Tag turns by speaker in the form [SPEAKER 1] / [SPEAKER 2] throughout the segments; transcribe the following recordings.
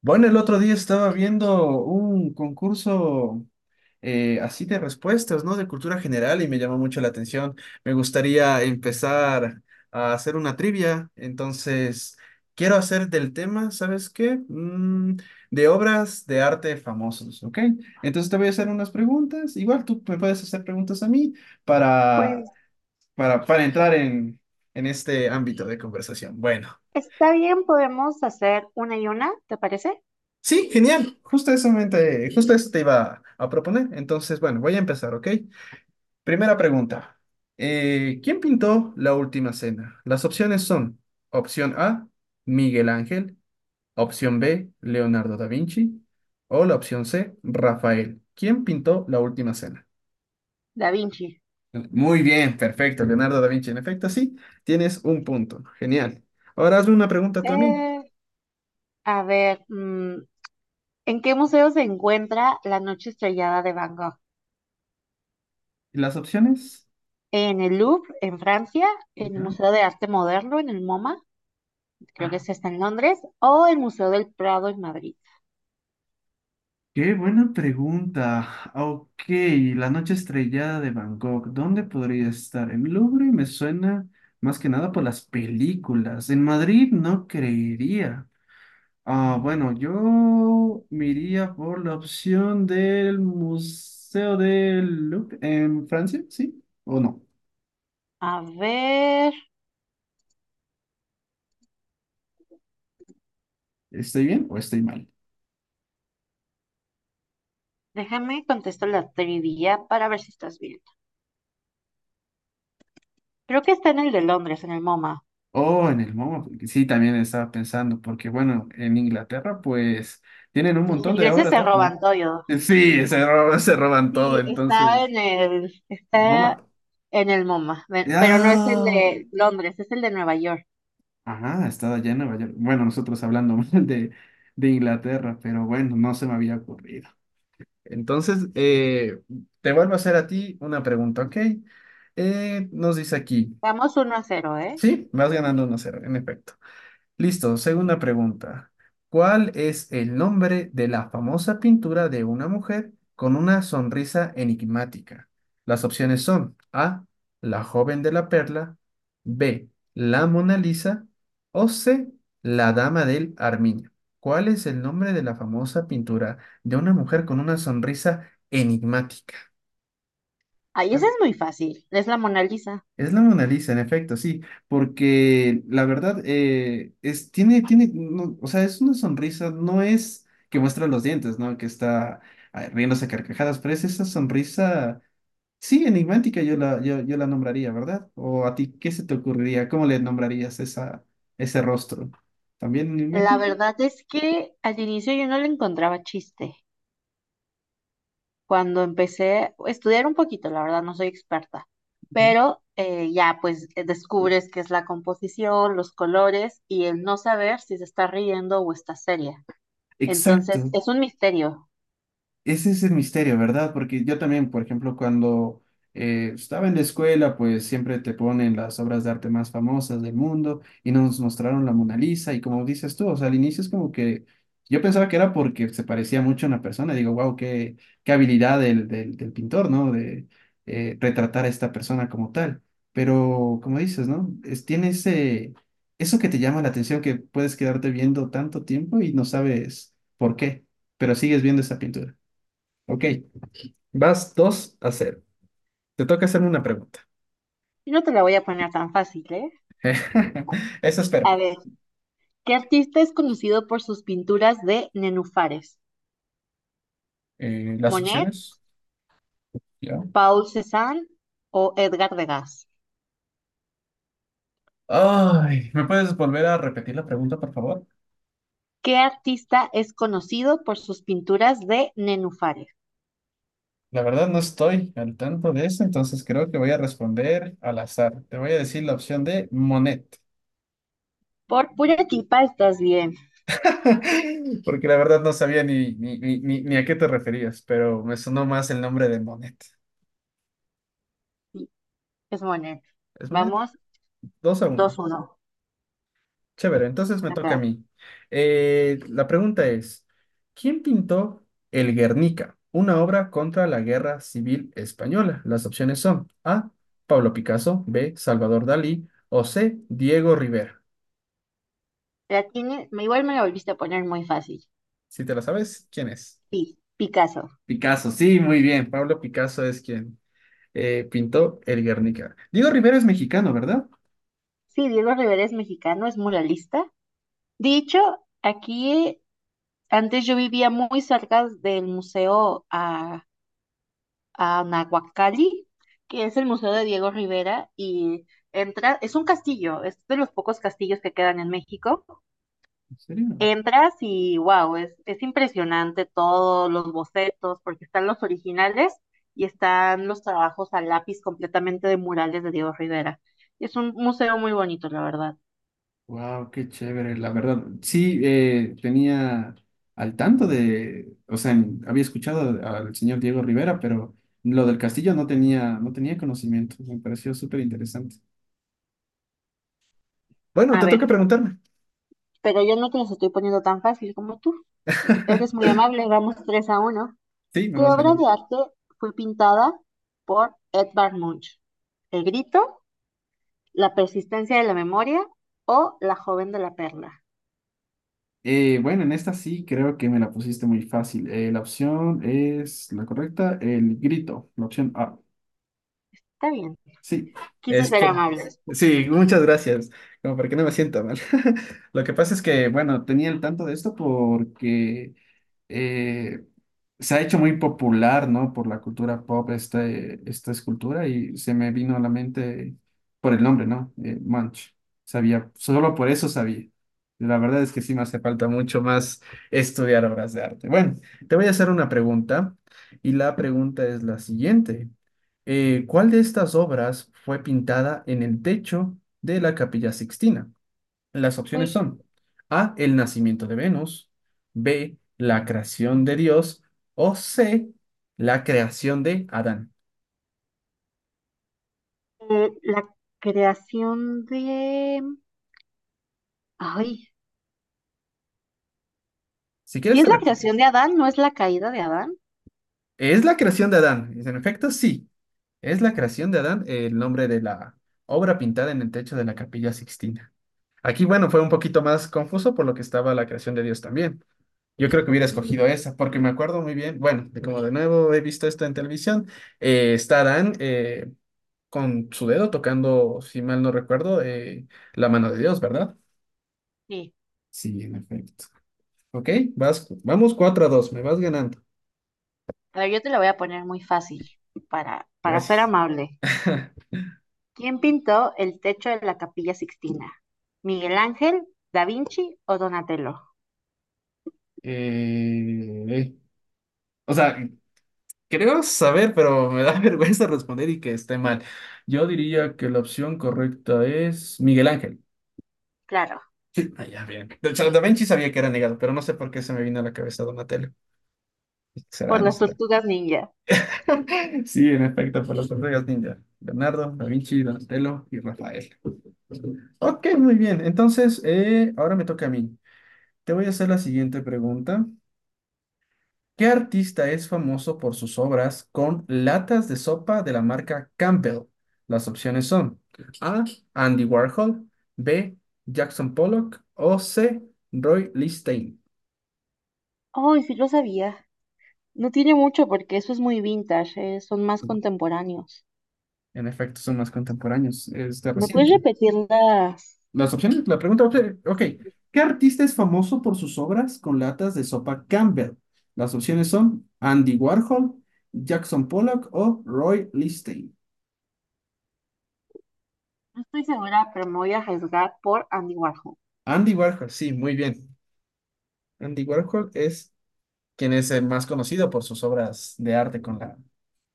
[SPEAKER 1] Bueno, el otro día estaba viendo un concurso así de respuestas, ¿no? De cultura general y me llamó mucho la atención. Me gustaría empezar a hacer una trivia, entonces quiero hacer del tema, ¿sabes qué? De obras de arte famosos, ¿ok? Entonces te voy a hacer unas preguntas. Igual tú me puedes hacer preguntas a mí para,
[SPEAKER 2] Pues
[SPEAKER 1] para entrar en este ámbito de conversación. Bueno.
[SPEAKER 2] está bien, podemos hacer una y una, ¿te parece?
[SPEAKER 1] Sí, genial. Justo eso, justo eso te iba a proponer. Entonces, bueno, voy a empezar, ¿ok? Primera pregunta. ¿quién pintó la última cena? Las opciones son opción A, Miguel Ángel, opción B, Leonardo da Vinci o la opción C, Rafael. ¿Quién pintó la última cena?
[SPEAKER 2] Da Vinci.
[SPEAKER 1] Muy bien, perfecto, Leonardo da Vinci. En efecto, sí, tienes un punto. Genial. Ahora hazme una pregunta tú a mí.
[SPEAKER 2] Eh, a ver, ¿en qué museo se encuentra La Noche Estrellada de Van Gogh?
[SPEAKER 1] ¿Y las opciones?
[SPEAKER 2] ¿En el Louvre, en Francia? ¿En el
[SPEAKER 1] Ya.
[SPEAKER 2] Museo de Arte Moderno, en el MoMA? Creo que ese está en Londres. ¿O el Museo del Prado, en Madrid?
[SPEAKER 1] Qué buena pregunta. Ah, ok, la noche estrellada de Bangkok, ¿dónde podría estar? El Louvre me suena más que nada por las películas. En Madrid no creería. Ah, bueno, yo me iría por la opción del Museo del Louvre en Francia, ¿sí? ¿O no?
[SPEAKER 2] A ver,
[SPEAKER 1] ¿Estoy bien o estoy mal?
[SPEAKER 2] déjame contestar la trivia para ver si estás bien. Creo que está en el de Londres, en el MoMA.
[SPEAKER 1] Oh, en el MoMA, porque sí, también estaba pensando, porque bueno, en Inglaterra pues tienen un
[SPEAKER 2] Los
[SPEAKER 1] montón de
[SPEAKER 2] ingleses
[SPEAKER 1] obras de
[SPEAKER 2] se
[SPEAKER 1] arte, ¿no?
[SPEAKER 2] roban todo.
[SPEAKER 1] Sí, se roban, se roban todo,
[SPEAKER 2] Sí,
[SPEAKER 1] entonces, el
[SPEAKER 2] está
[SPEAKER 1] MoMA.
[SPEAKER 2] en el MoMA, pero no es el
[SPEAKER 1] ¡Ah!
[SPEAKER 2] de Londres, es el de Nueva York.
[SPEAKER 1] Ajá, estaba allá en Nueva York. Bueno, nosotros hablando mal de Inglaterra, pero bueno, no se me había ocurrido. Entonces, te vuelvo a hacer a ti una pregunta, ¿ok? Nos dice aquí,
[SPEAKER 2] Vamos 1-0, ¿eh?
[SPEAKER 1] sí, vas ganando 1 cero en efecto. Listo, segunda pregunta. ¿Cuál es el nombre de la famosa pintura de una mujer con una sonrisa enigmática? Las opciones son A, la joven de la perla, B, la Mona Lisa o C, la dama del Armiño. ¿Cuál es el nombre de la famosa pintura de una mujer con una sonrisa enigmática?
[SPEAKER 2] Ahí ese es muy fácil, es la Mona Lisa.
[SPEAKER 1] Es la Mona Lisa, en efecto, sí, porque la verdad es, tiene, no, o sea, es una sonrisa, no es que muestra los dientes, ¿no? Que está ah, riéndose a carcajadas, pero es esa sonrisa, sí, enigmática, yo la nombraría, ¿verdad? O a ti, ¿qué se te ocurriría? ¿Cómo le nombrarías esa, ese rostro? ¿También
[SPEAKER 2] La
[SPEAKER 1] enigmático?
[SPEAKER 2] verdad es que al inicio yo no le encontraba chiste. Cuando empecé a estudiar un poquito, la verdad no soy experta,
[SPEAKER 1] Ujú.
[SPEAKER 2] pero ya pues descubres qué es la composición, los colores y el no saber si se está riendo o está seria. Entonces
[SPEAKER 1] Exacto.
[SPEAKER 2] es un misterio.
[SPEAKER 1] Ese es el misterio, ¿verdad? Porque yo también, por ejemplo, cuando estaba en la escuela, pues siempre te ponen las obras de arte más famosas del mundo y nos mostraron la Mona Lisa y como dices tú, o sea, al inicio es como que yo pensaba que era porque se parecía mucho a una persona, digo, wow, qué, qué habilidad del pintor, ¿no? De retratar a esta persona como tal. Pero como dices, ¿no? Es, tiene ese, eso que te llama la atención, que puedes quedarte viendo tanto tiempo y no sabes por qué, pero sigues viendo esa pintura. Ok, vas 2 a cero. Te toca hacerme una pregunta.
[SPEAKER 2] Y no te la voy a poner tan fácil, ¿eh?
[SPEAKER 1] Eso espero.
[SPEAKER 2] A ver. ¿Qué artista es conocido por sus pinturas de nenúfares?
[SPEAKER 1] Las
[SPEAKER 2] ¿Monet,
[SPEAKER 1] opciones, ya.
[SPEAKER 2] Paul Cézanne o Edgar Degas?
[SPEAKER 1] Ay, ¿me puedes volver a repetir la pregunta, por favor?
[SPEAKER 2] ¿Qué artista es conocido por sus pinturas de nenúfares?
[SPEAKER 1] La verdad no estoy al tanto de eso, entonces creo que voy a responder al azar. Te voy a decir la opción de Monet,
[SPEAKER 2] Por pura tipa estás bien.
[SPEAKER 1] porque la verdad no sabía ni a qué te referías, pero me sonó más el nombre de Monet.
[SPEAKER 2] Sí, es Monet.
[SPEAKER 1] ¿Es Monet?
[SPEAKER 2] Vamos,
[SPEAKER 1] 2 a
[SPEAKER 2] dos
[SPEAKER 1] uno.
[SPEAKER 2] uno.
[SPEAKER 1] Chévere, entonces me toca a
[SPEAKER 2] Acá.
[SPEAKER 1] mí. La pregunta es, ¿quién pintó El Guernica, una obra contra la Guerra Civil Española? Las opciones son A, Pablo Picasso, B, Salvador Dalí o C, Diego Rivera.
[SPEAKER 2] La tiene, igual me la volviste a poner muy fácil.
[SPEAKER 1] Si te la sabes, ¿quién es?
[SPEAKER 2] Sí, Picasso.
[SPEAKER 1] Picasso, sí, muy bien. Pablo Picasso es quien pintó El Guernica. Diego Rivera es mexicano, ¿verdad?
[SPEAKER 2] Sí, Diego Rivera es mexicano, es muralista. Dicho, aquí antes yo vivía muy cerca del museo a Nahuacalli, que es el Museo de Diego Rivera, y entras, es un castillo, es de los pocos castillos que quedan en México.
[SPEAKER 1] ¿En serio?
[SPEAKER 2] Entras y wow, es impresionante todos los bocetos, porque están los originales y están los trabajos a lápiz completamente de murales de Diego Rivera. Es un museo muy bonito, la verdad.
[SPEAKER 1] Wow, qué chévere, la verdad. Sí, tenía al tanto de, o sea, había escuchado al señor Diego Rivera, pero lo del castillo no tenía, no tenía conocimiento. Me pareció súper interesante. Bueno,
[SPEAKER 2] A
[SPEAKER 1] te
[SPEAKER 2] ver,
[SPEAKER 1] toca preguntarme.
[SPEAKER 2] pero yo no te los estoy poniendo tan fácil como tú. Eres muy amable, vamos 3-1.
[SPEAKER 1] Sí, me
[SPEAKER 2] ¿Qué
[SPEAKER 1] vas
[SPEAKER 2] obra
[SPEAKER 1] ganando.
[SPEAKER 2] de arte fue pintada por Edvard Munch? ¿El grito, la persistencia de la memoria o la joven de la perla?
[SPEAKER 1] Bueno, en esta sí creo que me la pusiste muy fácil. La opción es la correcta, el grito, la opción A.
[SPEAKER 2] Está bien.
[SPEAKER 1] Sí,
[SPEAKER 2] Quise
[SPEAKER 1] es
[SPEAKER 2] ser
[SPEAKER 1] por,
[SPEAKER 2] amable.
[SPEAKER 1] sí, muchas gracias. Como para que no me sienta mal. Lo que pasa es que, bueno, tenía el tanto de esto porque eh, se ha hecho muy popular, ¿no? Por la cultura pop esta escultura y se me vino a la mente por el nombre, ¿no? Munch. Sabía, solo por eso sabía. La verdad es que sí me hace falta mucho más estudiar obras de arte. Bueno, te voy a hacer una pregunta y la pregunta es la siguiente. ¿cuál de estas obras fue pintada en el techo de la Capilla Sixtina? Las opciones
[SPEAKER 2] Uy,
[SPEAKER 1] son A, el nacimiento de Venus, B, la creación de Dios o C, la creación de Adán.
[SPEAKER 2] la creación de... Ay,
[SPEAKER 1] Si quieres
[SPEAKER 2] si es
[SPEAKER 1] te
[SPEAKER 2] la
[SPEAKER 1] repito.
[SPEAKER 2] creación de Adán, ¿no es la caída de Adán?
[SPEAKER 1] Es la creación de Adán. En efecto, sí. Es la creación de Adán el nombre de la obra pintada en el techo de la Capilla Sixtina. Aquí, bueno, fue un poquito más confuso por lo que estaba la creación de Dios también. Yo creo que hubiera
[SPEAKER 2] Sí,
[SPEAKER 1] escogido esa, porque me acuerdo muy bien, bueno, de como de nuevo he visto esto en televisión, está Adán, con su dedo tocando, si mal no recuerdo, la mano de Dios, ¿verdad?
[SPEAKER 2] sí.
[SPEAKER 1] Sí, en efecto. Ok, vamos 4 a 2, me vas ganando.
[SPEAKER 2] A ver, yo te la voy a poner muy fácil para ser
[SPEAKER 1] Gracias.
[SPEAKER 2] amable. ¿Quién pintó el techo de la Capilla Sixtina? ¿Miguel Ángel, Da Vinci o Donatello?
[SPEAKER 1] Eh, o sea, creo saber, pero me da vergüenza responder y que esté mal. Yo diría que la opción correcta es Miguel Ángel.
[SPEAKER 2] Claro.
[SPEAKER 1] Sí. Ah, ya, bien. De hecho, Da Vinci sabía que era negado, pero no sé por qué se me vino a la cabeza Donatello.
[SPEAKER 2] Por
[SPEAKER 1] ¿Será? No
[SPEAKER 2] las
[SPEAKER 1] será.
[SPEAKER 2] tortugas ninja.
[SPEAKER 1] Sí, en efecto, por las tortugas ninja. Leonardo, Da Vinci, Donatello y Rafael. Ok, muy bien. Entonces, ahora me toca a mí. Te voy a hacer la siguiente pregunta. ¿Qué artista es famoso por sus obras con latas de sopa de la marca Campbell? Las opciones son A. Andy Warhol, B. Jackson Pollock o C. Roy Lichtenstein.
[SPEAKER 2] Ay, sí lo sabía. No tiene mucho porque eso es muy vintage, son más contemporáneos.
[SPEAKER 1] En efecto, son más contemporáneos, es de
[SPEAKER 2] ¿Me puedes
[SPEAKER 1] reciente.
[SPEAKER 2] repetir las?
[SPEAKER 1] Las opciones, la pregunta, ok. ¿Qué artista es famoso por sus obras con latas de sopa Campbell? Las opciones son Andy Warhol, Jackson Pollock o Roy Lichtenstein.
[SPEAKER 2] No estoy segura, pero me voy a arriesgar por Andy Warhol.
[SPEAKER 1] Andy Warhol, sí, muy bien. Andy Warhol es quien es el más conocido por sus obras de arte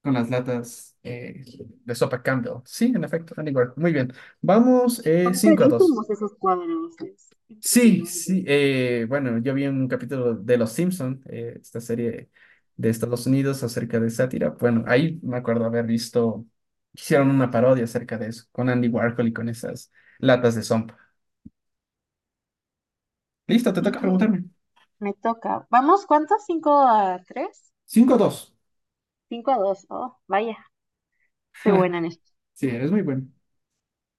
[SPEAKER 1] con las latas de sopa Campbell. Sí, en efecto, Andy Warhol. Muy bien. Vamos
[SPEAKER 2] Son
[SPEAKER 1] 5 a dos.
[SPEAKER 2] carísimos esos cuadros. Es
[SPEAKER 1] Sí, sí,
[SPEAKER 2] impresionante.
[SPEAKER 1] bueno, yo vi un capítulo de Los Simpson, esta serie de Estados Unidos acerca de sátira. Bueno, ahí me acuerdo haber visto, hicieron una parodia acerca de eso, con Andy Warhol y con esas latas de sopa. Listo, te
[SPEAKER 2] Sí,
[SPEAKER 1] toca preguntarme.
[SPEAKER 2] me toca. ¿Vamos cuántos? ¿5-3?
[SPEAKER 1] Cinco dos.
[SPEAKER 2] 5-2. Oh, vaya, estoy buena en esto.
[SPEAKER 1] Sí, eres muy bueno.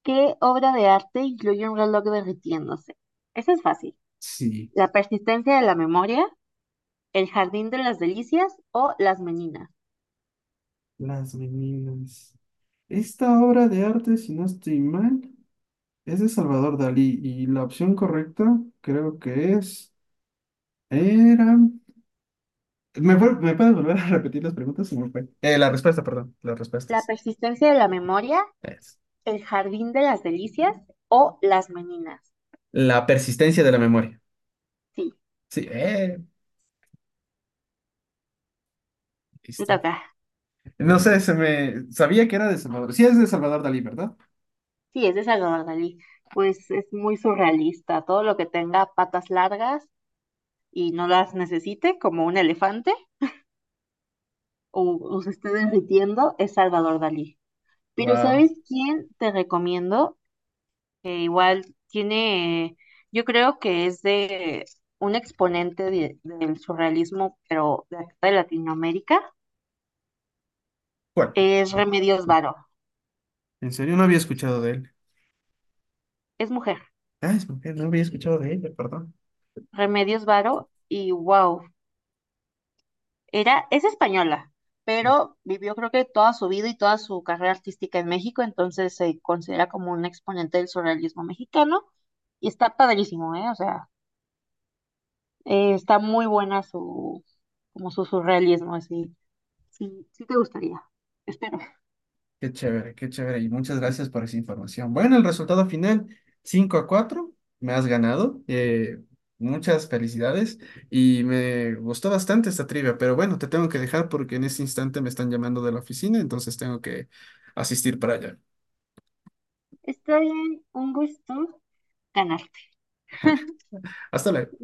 [SPEAKER 2] ¿Qué obra de arte incluye un reloj derritiéndose? Eso es fácil.
[SPEAKER 1] Sí,
[SPEAKER 2] La persistencia de la memoria, El jardín de las delicias o las meninas.
[SPEAKER 1] Las Meninas. Esta obra de arte, si no estoy mal, es de Salvador Dalí y la opción correcta creo que es... Era... ¿Me, me puedes volver a repetir las preguntas? Se me fue. La respuesta, perdón. Las
[SPEAKER 2] La
[SPEAKER 1] respuestas.
[SPEAKER 2] persistencia de la memoria,
[SPEAKER 1] Es
[SPEAKER 2] el jardín de las delicias o las meninas.
[SPEAKER 1] la persistencia de la memoria.
[SPEAKER 2] Sí,
[SPEAKER 1] Sí,
[SPEAKER 2] te
[SPEAKER 1] listo.
[SPEAKER 2] toca.
[SPEAKER 1] No sé, se me... Sabía que era de Salvador. Sí, es de Salvador Dalí, ¿verdad?
[SPEAKER 2] Sí, es de Salvador Dalí. Pues es muy surrealista. Todo lo que tenga patas largas y no las necesite, como un elefante o se esté derritiendo, es Salvador Dalí. Pero
[SPEAKER 1] Wow.
[SPEAKER 2] ¿sabes quién te recomiendo? Que igual tiene, yo creo que es de un exponente del surrealismo, pero de acá de Latinoamérica,
[SPEAKER 1] ¿Cuál?
[SPEAKER 2] es Remedios Varo,
[SPEAKER 1] En serio, no había escuchado de él.
[SPEAKER 2] es mujer,
[SPEAKER 1] Ah, es mujer, no había escuchado de ella, perdón.
[SPEAKER 2] Remedios Varo, y wow, era, es española, pero vivió creo que toda su vida y toda su carrera artística en México, entonces se considera como un exponente del surrealismo mexicano, y está padrísimo, ¿eh? O sea, está muy buena su, como su surrealismo, así, sí, sí te gustaría, espero.
[SPEAKER 1] Qué chévere, qué chévere. Y muchas gracias por esa información. Bueno, el resultado final, 5 a 4, me has ganado. Muchas felicidades. Y me gustó bastante esta trivia, pero bueno, te tengo que dejar porque en este instante me están llamando de la oficina, entonces tengo que asistir para allá.
[SPEAKER 2] Está bien, un gusto ganar.
[SPEAKER 1] Hasta luego.